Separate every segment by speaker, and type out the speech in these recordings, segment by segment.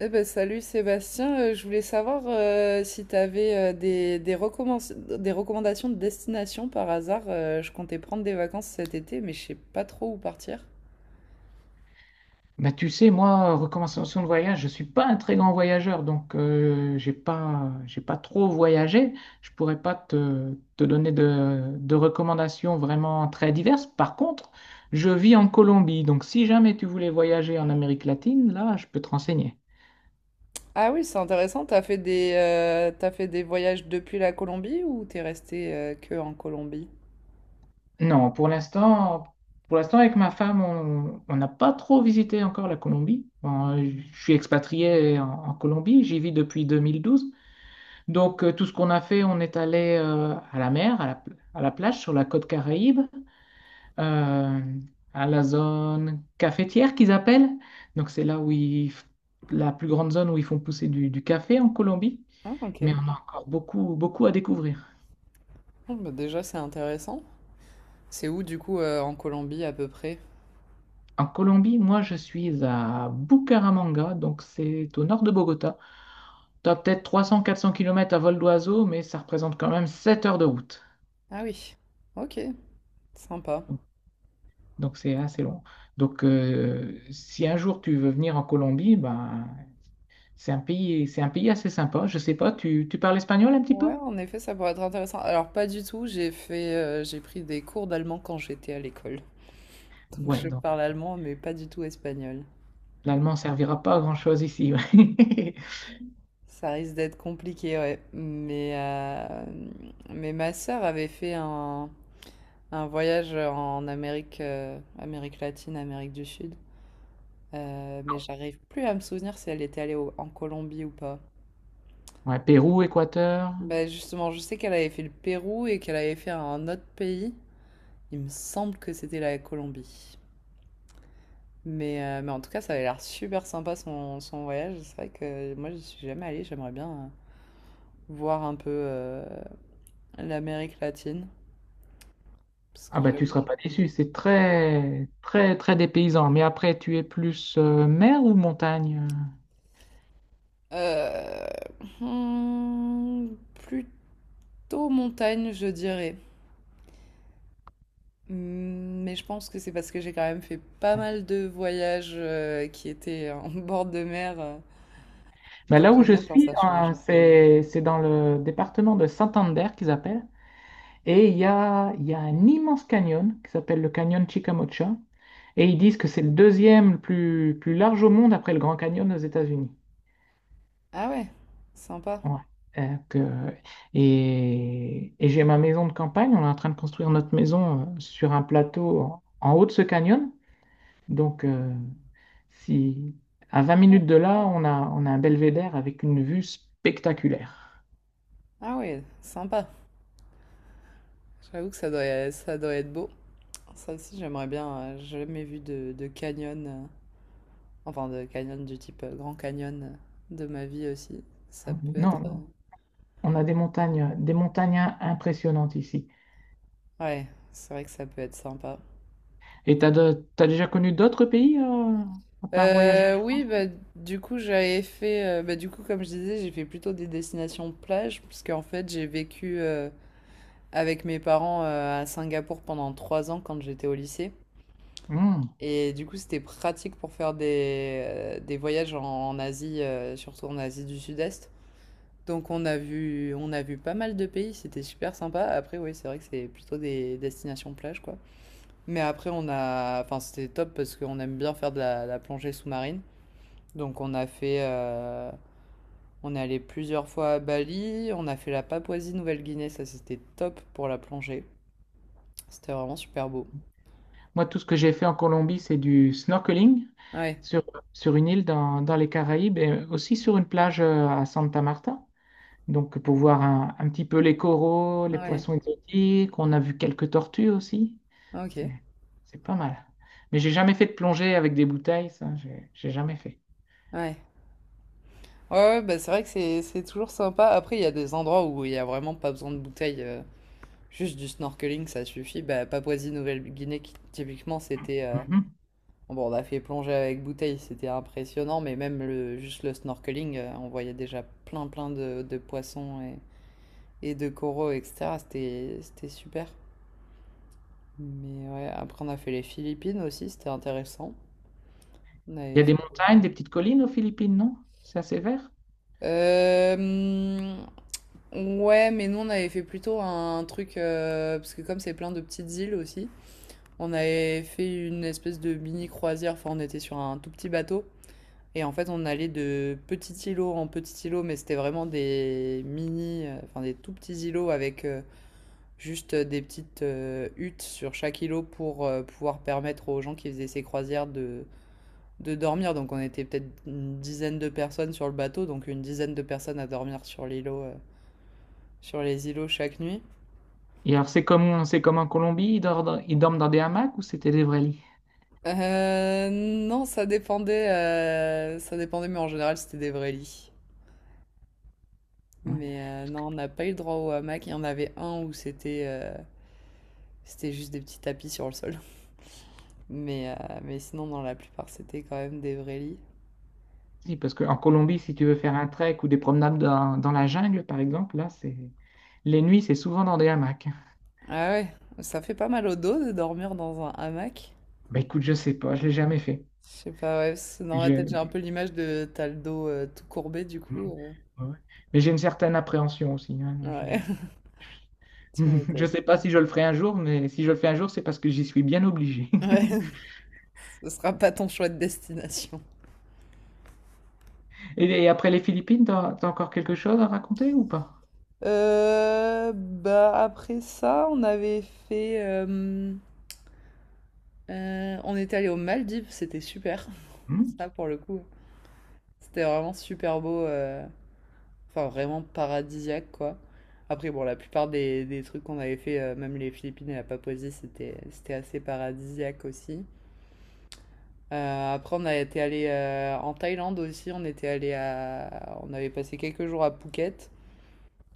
Speaker 1: Eh ben, salut Sébastien. Je voulais savoir si tu avais des recommandations de destination par hasard. Je comptais prendre des vacances cet été, mais je sais pas trop où partir.
Speaker 2: Bah, tu sais, moi, recommandation de voyage, je suis pas un très grand voyageur, donc j'ai pas trop voyagé. Je pourrais pas te donner de recommandations vraiment très diverses. Par contre, je vis en Colombie, donc si jamais tu voulais voyager en Amérique latine, là, je peux te renseigner.
Speaker 1: Ah oui, c'est intéressant, t'as fait des voyages depuis la Colombie ou t'es resté que en Colombie?
Speaker 2: Non, pour l'instant, avec ma femme, on n'a pas trop visité encore la Colombie. Bon, je suis expatrié en Colombie, j'y vis depuis 2012. Donc, tout ce qu'on a fait, on est allé à la mer, à la plage, sur la côte Caraïbe, euh, à la zone cafetière qu'ils appellent. Donc, c'est là où ils, f- la plus grande zone où ils font pousser du café en Colombie.
Speaker 1: Ah,
Speaker 2: Mais
Speaker 1: ok.
Speaker 2: on a encore beaucoup, beaucoup à découvrir.
Speaker 1: Bon, bah déjà c'est intéressant. C'est où du coup en Colombie à peu près?
Speaker 2: En Colombie, moi, je suis à Bucaramanga, donc c'est au nord de Bogota. Tu as peut-être 300-400 km à vol d'oiseau, mais ça représente quand même 7 heures de route.
Speaker 1: Ah oui, ok, sympa.
Speaker 2: Donc c'est assez long. Donc si un jour tu veux venir en Colombie, ben, c'est un pays assez sympa. Je sais pas, tu parles espagnol un petit
Speaker 1: Ouais,
Speaker 2: peu?
Speaker 1: en effet, ça pourrait être intéressant. Alors, pas du tout, j'ai pris des cours d'allemand quand j'étais à l'école. Donc,
Speaker 2: Ouais,
Speaker 1: je
Speaker 2: donc
Speaker 1: parle allemand, mais pas du tout espagnol.
Speaker 2: l'allemand servira pas à grand-chose ici. Ouais.
Speaker 1: Ça risque d'être compliqué, ouais. Mais ma sœur avait fait un voyage en Amérique latine, Amérique du Sud. Mais j'arrive plus à me souvenir si elle était allée en Colombie ou pas.
Speaker 2: Ouais, Pérou, Équateur.
Speaker 1: Bah justement, je sais qu'elle avait fait le Pérou et qu'elle avait fait un autre pays. Il me semble que c'était la Colombie. Mais en tout cas, ça avait l'air super sympa son voyage. C'est vrai que moi, je suis jamais allée. J'aimerais bien voir un peu l'Amérique latine. Parce
Speaker 2: Ah
Speaker 1: que
Speaker 2: ben tu
Speaker 1: j'avoue.
Speaker 2: seras pas déçu, c'est très très très dépaysant. Mais après, tu es plus mer ou montagne?
Speaker 1: Euh, Plutôt montagne, je dirais. Mais je pense que c'est parce que j'ai quand même fait pas mal de voyages qui étaient en bord de mer,
Speaker 2: Ben,
Speaker 1: donc
Speaker 2: là où
Speaker 1: j'aime
Speaker 2: je
Speaker 1: bien quand
Speaker 2: suis,
Speaker 1: ça change.
Speaker 2: hein, c'est dans le département de Santander qu'ils appellent. Et il y a un immense canyon qui s'appelle le canyon Chicamocha. Et ils disent que c'est le deuxième le plus large au monde après le Grand Canyon aux États-Unis.
Speaker 1: Ah ouais, sympa.
Speaker 2: Ouais. Euh, que- et j'ai ma maison de campagne. On est en train de construire notre maison sur un plateau en haut de ce canyon. Donc, si, à 20 minutes de là, on a un belvédère avec une vue spectaculaire.
Speaker 1: Ah ouais, sympa. J'avoue que ça doit être beau. Ça aussi, j'aimerais bien. J'ai jamais vu de canyon, enfin de canyon du type Grand Canyon de ma vie aussi. Ça
Speaker 2: Non,
Speaker 1: peut être.
Speaker 2: non, on a des montagnes impressionnantes ici.
Speaker 1: Ouais, c'est vrai que ça peut être sympa.
Speaker 2: Et t'as déjà connu d'autres pays à part voyager?
Speaker 1: Oui, bah, du coup, j'avais fait. Bah, du coup, comme je disais, j'ai fait plutôt des destinations plage, puisque en fait, j'ai vécu avec mes parents à Singapour pendant 3 ans quand j'étais au lycée.
Speaker 2: Hmm.
Speaker 1: Et du coup, c'était pratique pour faire des voyages en Asie, surtout en Asie du Sud-Est. Donc on a vu pas mal de pays, c'était super sympa. Après oui, c'est vrai que c'est plutôt des destinations plage quoi. Mais après enfin c'était top parce qu'on aime bien faire de la plongée sous-marine. Donc on est allé plusieurs fois à Bali, on a fait la Papouasie-Nouvelle-Guinée, ça c'était top pour la plongée. C'était vraiment super beau.
Speaker 2: Moi, tout ce que j'ai fait en Colombie, c'est du snorkeling
Speaker 1: Ouais,
Speaker 2: sur, sur une île dans les Caraïbes et aussi sur une plage à Santa Marta. Donc, pour voir un petit peu les coraux, les
Speaker 1: ouais,
Speaker 2: poissons exotiques, on a vu quelques tortues aussi.
Speaker 1: ok,
Speaker 2: C'est,
Speaker 1: ouais.
Speaker 2: c'est pas mal. Mais j'ai jamais fait de plongée avec des bouteilles, ça, j'ai jamais fait.
Speaker 1: Ouais, ouais, bah c'est vrai que c'est toujours sympa. Après il y a des endroits où il y a vraiment pas besoin de bouteille. Juste du snorkeling, ça suffit. Bah, Papouasie-Nouvelle-Guinée, typiquement, c'était.
Speaker 2: Mhm.
Speaker 1: Bon, on a fait plonger avec bouteille, c'était impressionnant, mais même juste le snorkeling, on voyait déjà plein de poissons et de coraux, etc. C'était super. Mais ouais, après, on a fait les Philippines aussi, c'était intéressant. On
Speaker 2: Il
Speaker 1: avait
Speaker 2: y a
Speaker 1: fait-
Speaker 2: des montagnes, des petites collines aux Philippines, non? C'est assez vert?
Speaker 1: Euh, ouais, mais nous, on avait fait plutôt un truc, parce que comme c'est plein de petites îles aussi. On avait fait une espèce de mini croisière, enfin on était sur un tout petit bateau. Et en fait, on allait de petit îlot en petit îlot, mais c'était vraiment enfin des tout petits îlots avec juste des petites huttes sur chaque îlot pour pouvoir permettre aux gens qui faisaient ces croisières de dormir. Donc on était peut-être une dizaine de personnes sur le bateau, donc une dizaine de personnes à dormir sur sur les îlots chaque nuit.
Speaker 2: Et alors, c'est comme en Colombie, ils dorment dans des hamacs ou c'était des vrais lits?
Speaker 1: Non, ça dépendait, mais en général c'était des vrais lits.
Speaker 2: Ouais.
Speaker 1: Mais non, on n'a pas eu le droit au hamac. Il y en avait un où c'était juste des petits tapis sur le sol. Mais sinon, dans la plupart, c'était quand même des vrais lits.
Speaker 2: Si, parce qu'en Colombie, si tu veux faire un trek ou des promenades dans la jungle, par exemple, là, c'est les nuits, c'est souvent dans des hamacs.
Speaker 1: Ah ouais, ça fait pas mal au dos de dormir dans un hamac.
Speaker 2: Bah écoute, je sais pas, je l'ai jamais fait.
Speaker 1: Je sais pas, ouais, parce que dans ma tête, j'ai un
Speaker 2: Je-
Speaker 1: peu l'image de t'as le dos tout courbé, du
Speaker 2: Ouais.
Speaker 1: coup.
Speaker 2: Ouais. Mais j'ai une certaine appréhension aussi, hein, non, je...
Speaker 1: Ouais, tu
Speaker 2: Je
Speaker 1: m'étonnes.
Speaker 2: sais pas si je le ferai un jour, mais si je le fais un jour, c'est parce que j'y suis bien obligé.
Speaker 1: Ouais, ce sera pas ton choix de destination.
Speaker 2: Et après les Philippines, t'as, t'as encore quelque chose à raconter ou pas?
Speaker 1: Bah après ça, fait... euh, on est allé aux Maldives, c'était super.
Speaker 2: Hmm.
Speaker 1: Ça, pour le coup, c'était vraiment super beau. Enfin, vraiment paradisiaque, quoi. Après, bon, la plupart des trucs qu'on avait fait, même les Philippines et la Papouasie, c'était assez paradisiaque aussi. Après, on a été allé en Thaïlande aussi. On avait passé quelques jours à Phuket,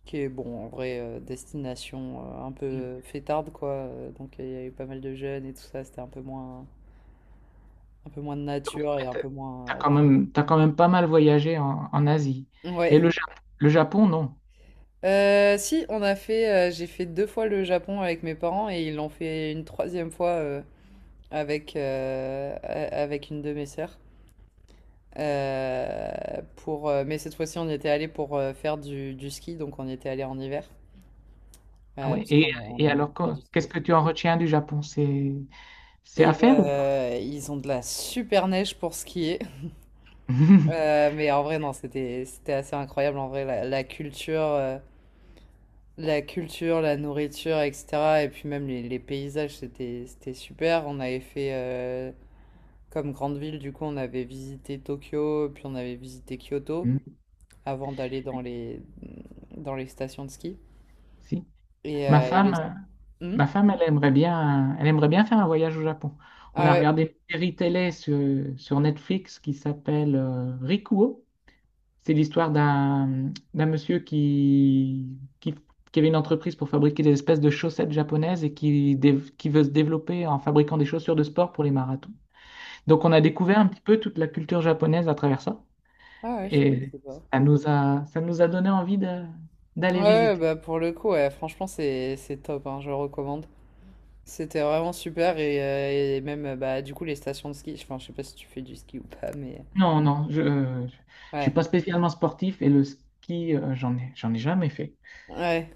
Speaker 1: qui est bon, en vrai, destination un peu fêtarde, quoi. Donc, il y avait pas mal de jeunes et tout ça. C'était un peu moins de
Speaker 2: Donc,
Speaker 1: nature et
Speaker 2: ouais,
Speaker 1: un peu moins euh,
Speaker 2: t'as quand même pas mal voyagé en Asie. Et
Speaker 1: Ouais.
Speaker 2: le Japon, non.
Speaker 1: Si, j'ai fait deux fois le Japon avec mes parents et ils l'ont fait une troisième fois avec une de mes sœurs. Euh, mais cette fois-ci, on y était allé pour faire du ski, donc on y était allé en hiver.
Speaker 2: Ah ouais.
Speaker 1: Parce qu'on
Speaker 2: Et
Speaker 1: aime
Speaker 2: alors,
Speaker 1: beaucoup faire du ski
Speaker 2: qu'est-ce que
Speaker 1: aussi.
Speaker 2: tu en retiens du Japon? C'est à
Speaker 1: Et
Speaker 2: faire ou pas?
Speaker 1: bah, ils ont de la super neige pour skier. Mais en vrai, non, c'était assez incroyable. En vrai, la culture. La culture, la nourriture, etc. Et puis même les paysages, c'était super. On avait fait, comme grande ville, du coup, on avait visité Tokyo, puis on avait visité Kyoto
Speaker 2: Hmm.
Speaker 1: avant d'aller dans les stations de ski.
Speaker 2: Si.
Speaker 1: Et,
Speaker 2: Ma
Speaker 1: euh, et les...
Speaker 2: femme, euh,
Speaker 1: Hmm.
Speaker 2: ma femme, elle aimerait bien faire un voyage au Japon. On
Speaker 1: Ah
Speaker 2: a
Speaker 1: ouais,
Speaker 2: regardé une série télé sur Netflix qui s'appelle Rikuo. C'est l'histoire d'un monsieur qui avait une entreprise pour fabriquer des espèces de chaussettes japonaises et qui veut se développer en fabriquant des chaussures de sport pour les marathons. Donc on a découvert un petit peu toute la culture japonaise à travers ça
Speaker 1: ah ouais, je
Speaker 2: et
Speaker 1: connaissais pas.
Speaker 2: ça nous a donné
Speaker 1: Ouais,
Speaker 2: d'aller
Speaker 1: ouais,
Speaker 2: visiter.
Speaker 1: bah pour le coup, ouais, franchement, c'est top, hein, je recommande. C'était vraiment super et même, bah, du coup, les stations de ski, enfin, je sais pas si tu fais du ski ou pas, mais.
Speaker 2: Non, non, je ne suis
Speaker 1: Ouais,
Speaker 2: pas spécialement sportif et le ski, j'en ai jamais fait.
Speaker 1: ouais.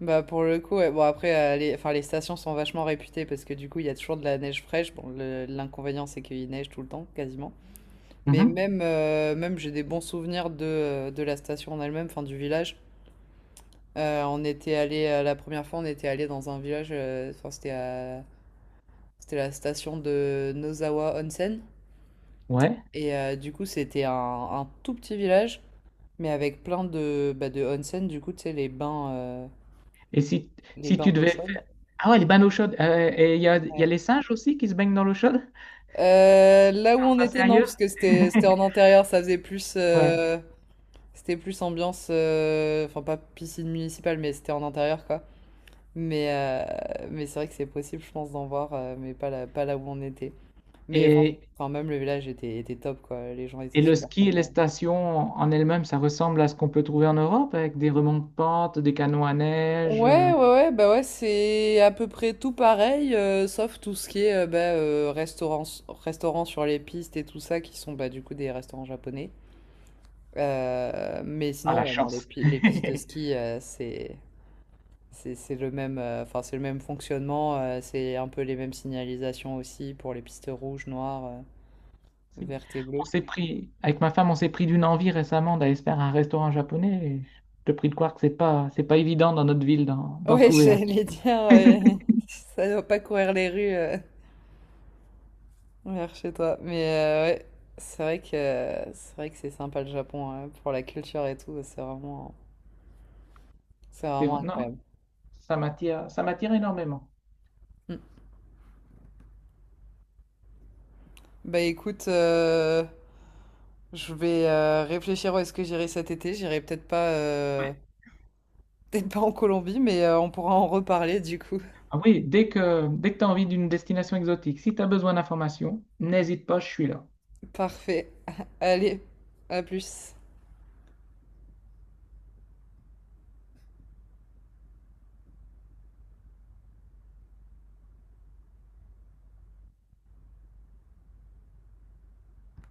Speaker 1: Bah pour le coup, ouais. Bon après, les stations sont vachement réputées parce que du coup, il y a toujours de la neige fraîche. Bon, l'inconvénient, c'est qu'il neige tout le temps, quasiment. Mais
Speaker 2: Mhm.
Speaker 1: même j'ai des bons souvenirs de la station en elle-même, enfin du village. La première fois, on était allé dans un village, enfin c'était c'était la station de Nozawa Onsen.
Speaker 2: Ouais.
Speaker 1: Du coup, c'était un tout petit village, mais avec plein de, bah, de onsen, du coup, tu sais, les bains, euh,
Speaker 2: Et si,
Speaker 1: les
Speaker 2: si
Speaker 1: bains
Speaker 2: tu
Speaker 1: d'eau
Speaker 2: devais
Speaker 1: chaude.
Speaker 2: faire... Ah ouais, les bains d'eau chaude. Et il y a
Speaker 1: Ouais.
Speaker 2: les singes aussi qui se baignent dans l'eau chaude?
Speaker 1: Là où on
Speaker 2: Ça, c'est
Speaker 1: était, non,
Speaker 2: ailleurs?
Speaker 1: parce que c'était en intérieur, ça faisait plus
Speaker 2: Ouais.
Speaker 1: euh, C'était plus ambiance, enfin pas piscine municipale, mais c'était en intérieur quoi. Mais euh, mais c'est vrai que c'est possible, je pense, d'en voir, mais pas là où on était. Mais enfin,
Speaker 2: Et,
Speaker 1: enfin, même le village était top quoi, les gens étaient
Speaker 2: et le
Speaker 1: super
Speaker 2: ski et les
Speaker 1: sympas.
Speaker 2: stations en elles-mêmes, ça ressemble à ce qu'on peut trouver en Europe avec des remontes-pentes, des canots à neige.
Speaker 1: Ouais, ouais, ouais, bah ouais, c'est à peu près tout pareil, sauf tout ce qui est bah, restaurants sur les pistes et tout ça, qui sont bah, du coup des restaurants japonais. Mais
Speaker 2: Ah,
Speaker 1: sinon,
Speaker 2: la
Speaker 1: ouais, non, les
Speaker 2: chance!
Speaker 1: pi les pistes de ski, c'est le même fonctionnement, c'est un peu les mêmes signalisations aussi pour les pistes rouges, noires,
Speaker 2: Si.
Speaker 1: vertes et
Speaker 2: On
Speaker 1: bleues.
Speaker 2: s'est pris, avec ma femme, on s'est pris d'une envie récemment d'aller se faire un restaurant japonais, et je te prie de croire que c'est pas évident dans notre ville d'en
Speaker 1: Ouais,
Speaker 2: trouver un.
Speaker 1: j'allais dire, ça doit pas courir les rues, vers chez toi. Mais ouais, c'est vrai que c'est vrai que c'est sympa le Japon, hein, pour la culture et tout, c'est vraiment c'est vraiment
Speaker 2: Non,
Speaker 1: incroyable.
Speaker 2: ça m'attire énormément.
Speaker 1: Mmh. Bah, écoute, je vais, réfléchir où est-ce que j'irai cet été. J'irai peut-être pas, peut-être pas en Colombie, mais on pourra en reparler du coup.
Speaker 2: Ah oui, dès que tu as envie d'une destination exotique, si tu as besoin d'informations, n'hésite pas, je suis là.
Speaker 1: Parfait. Allez, à plus.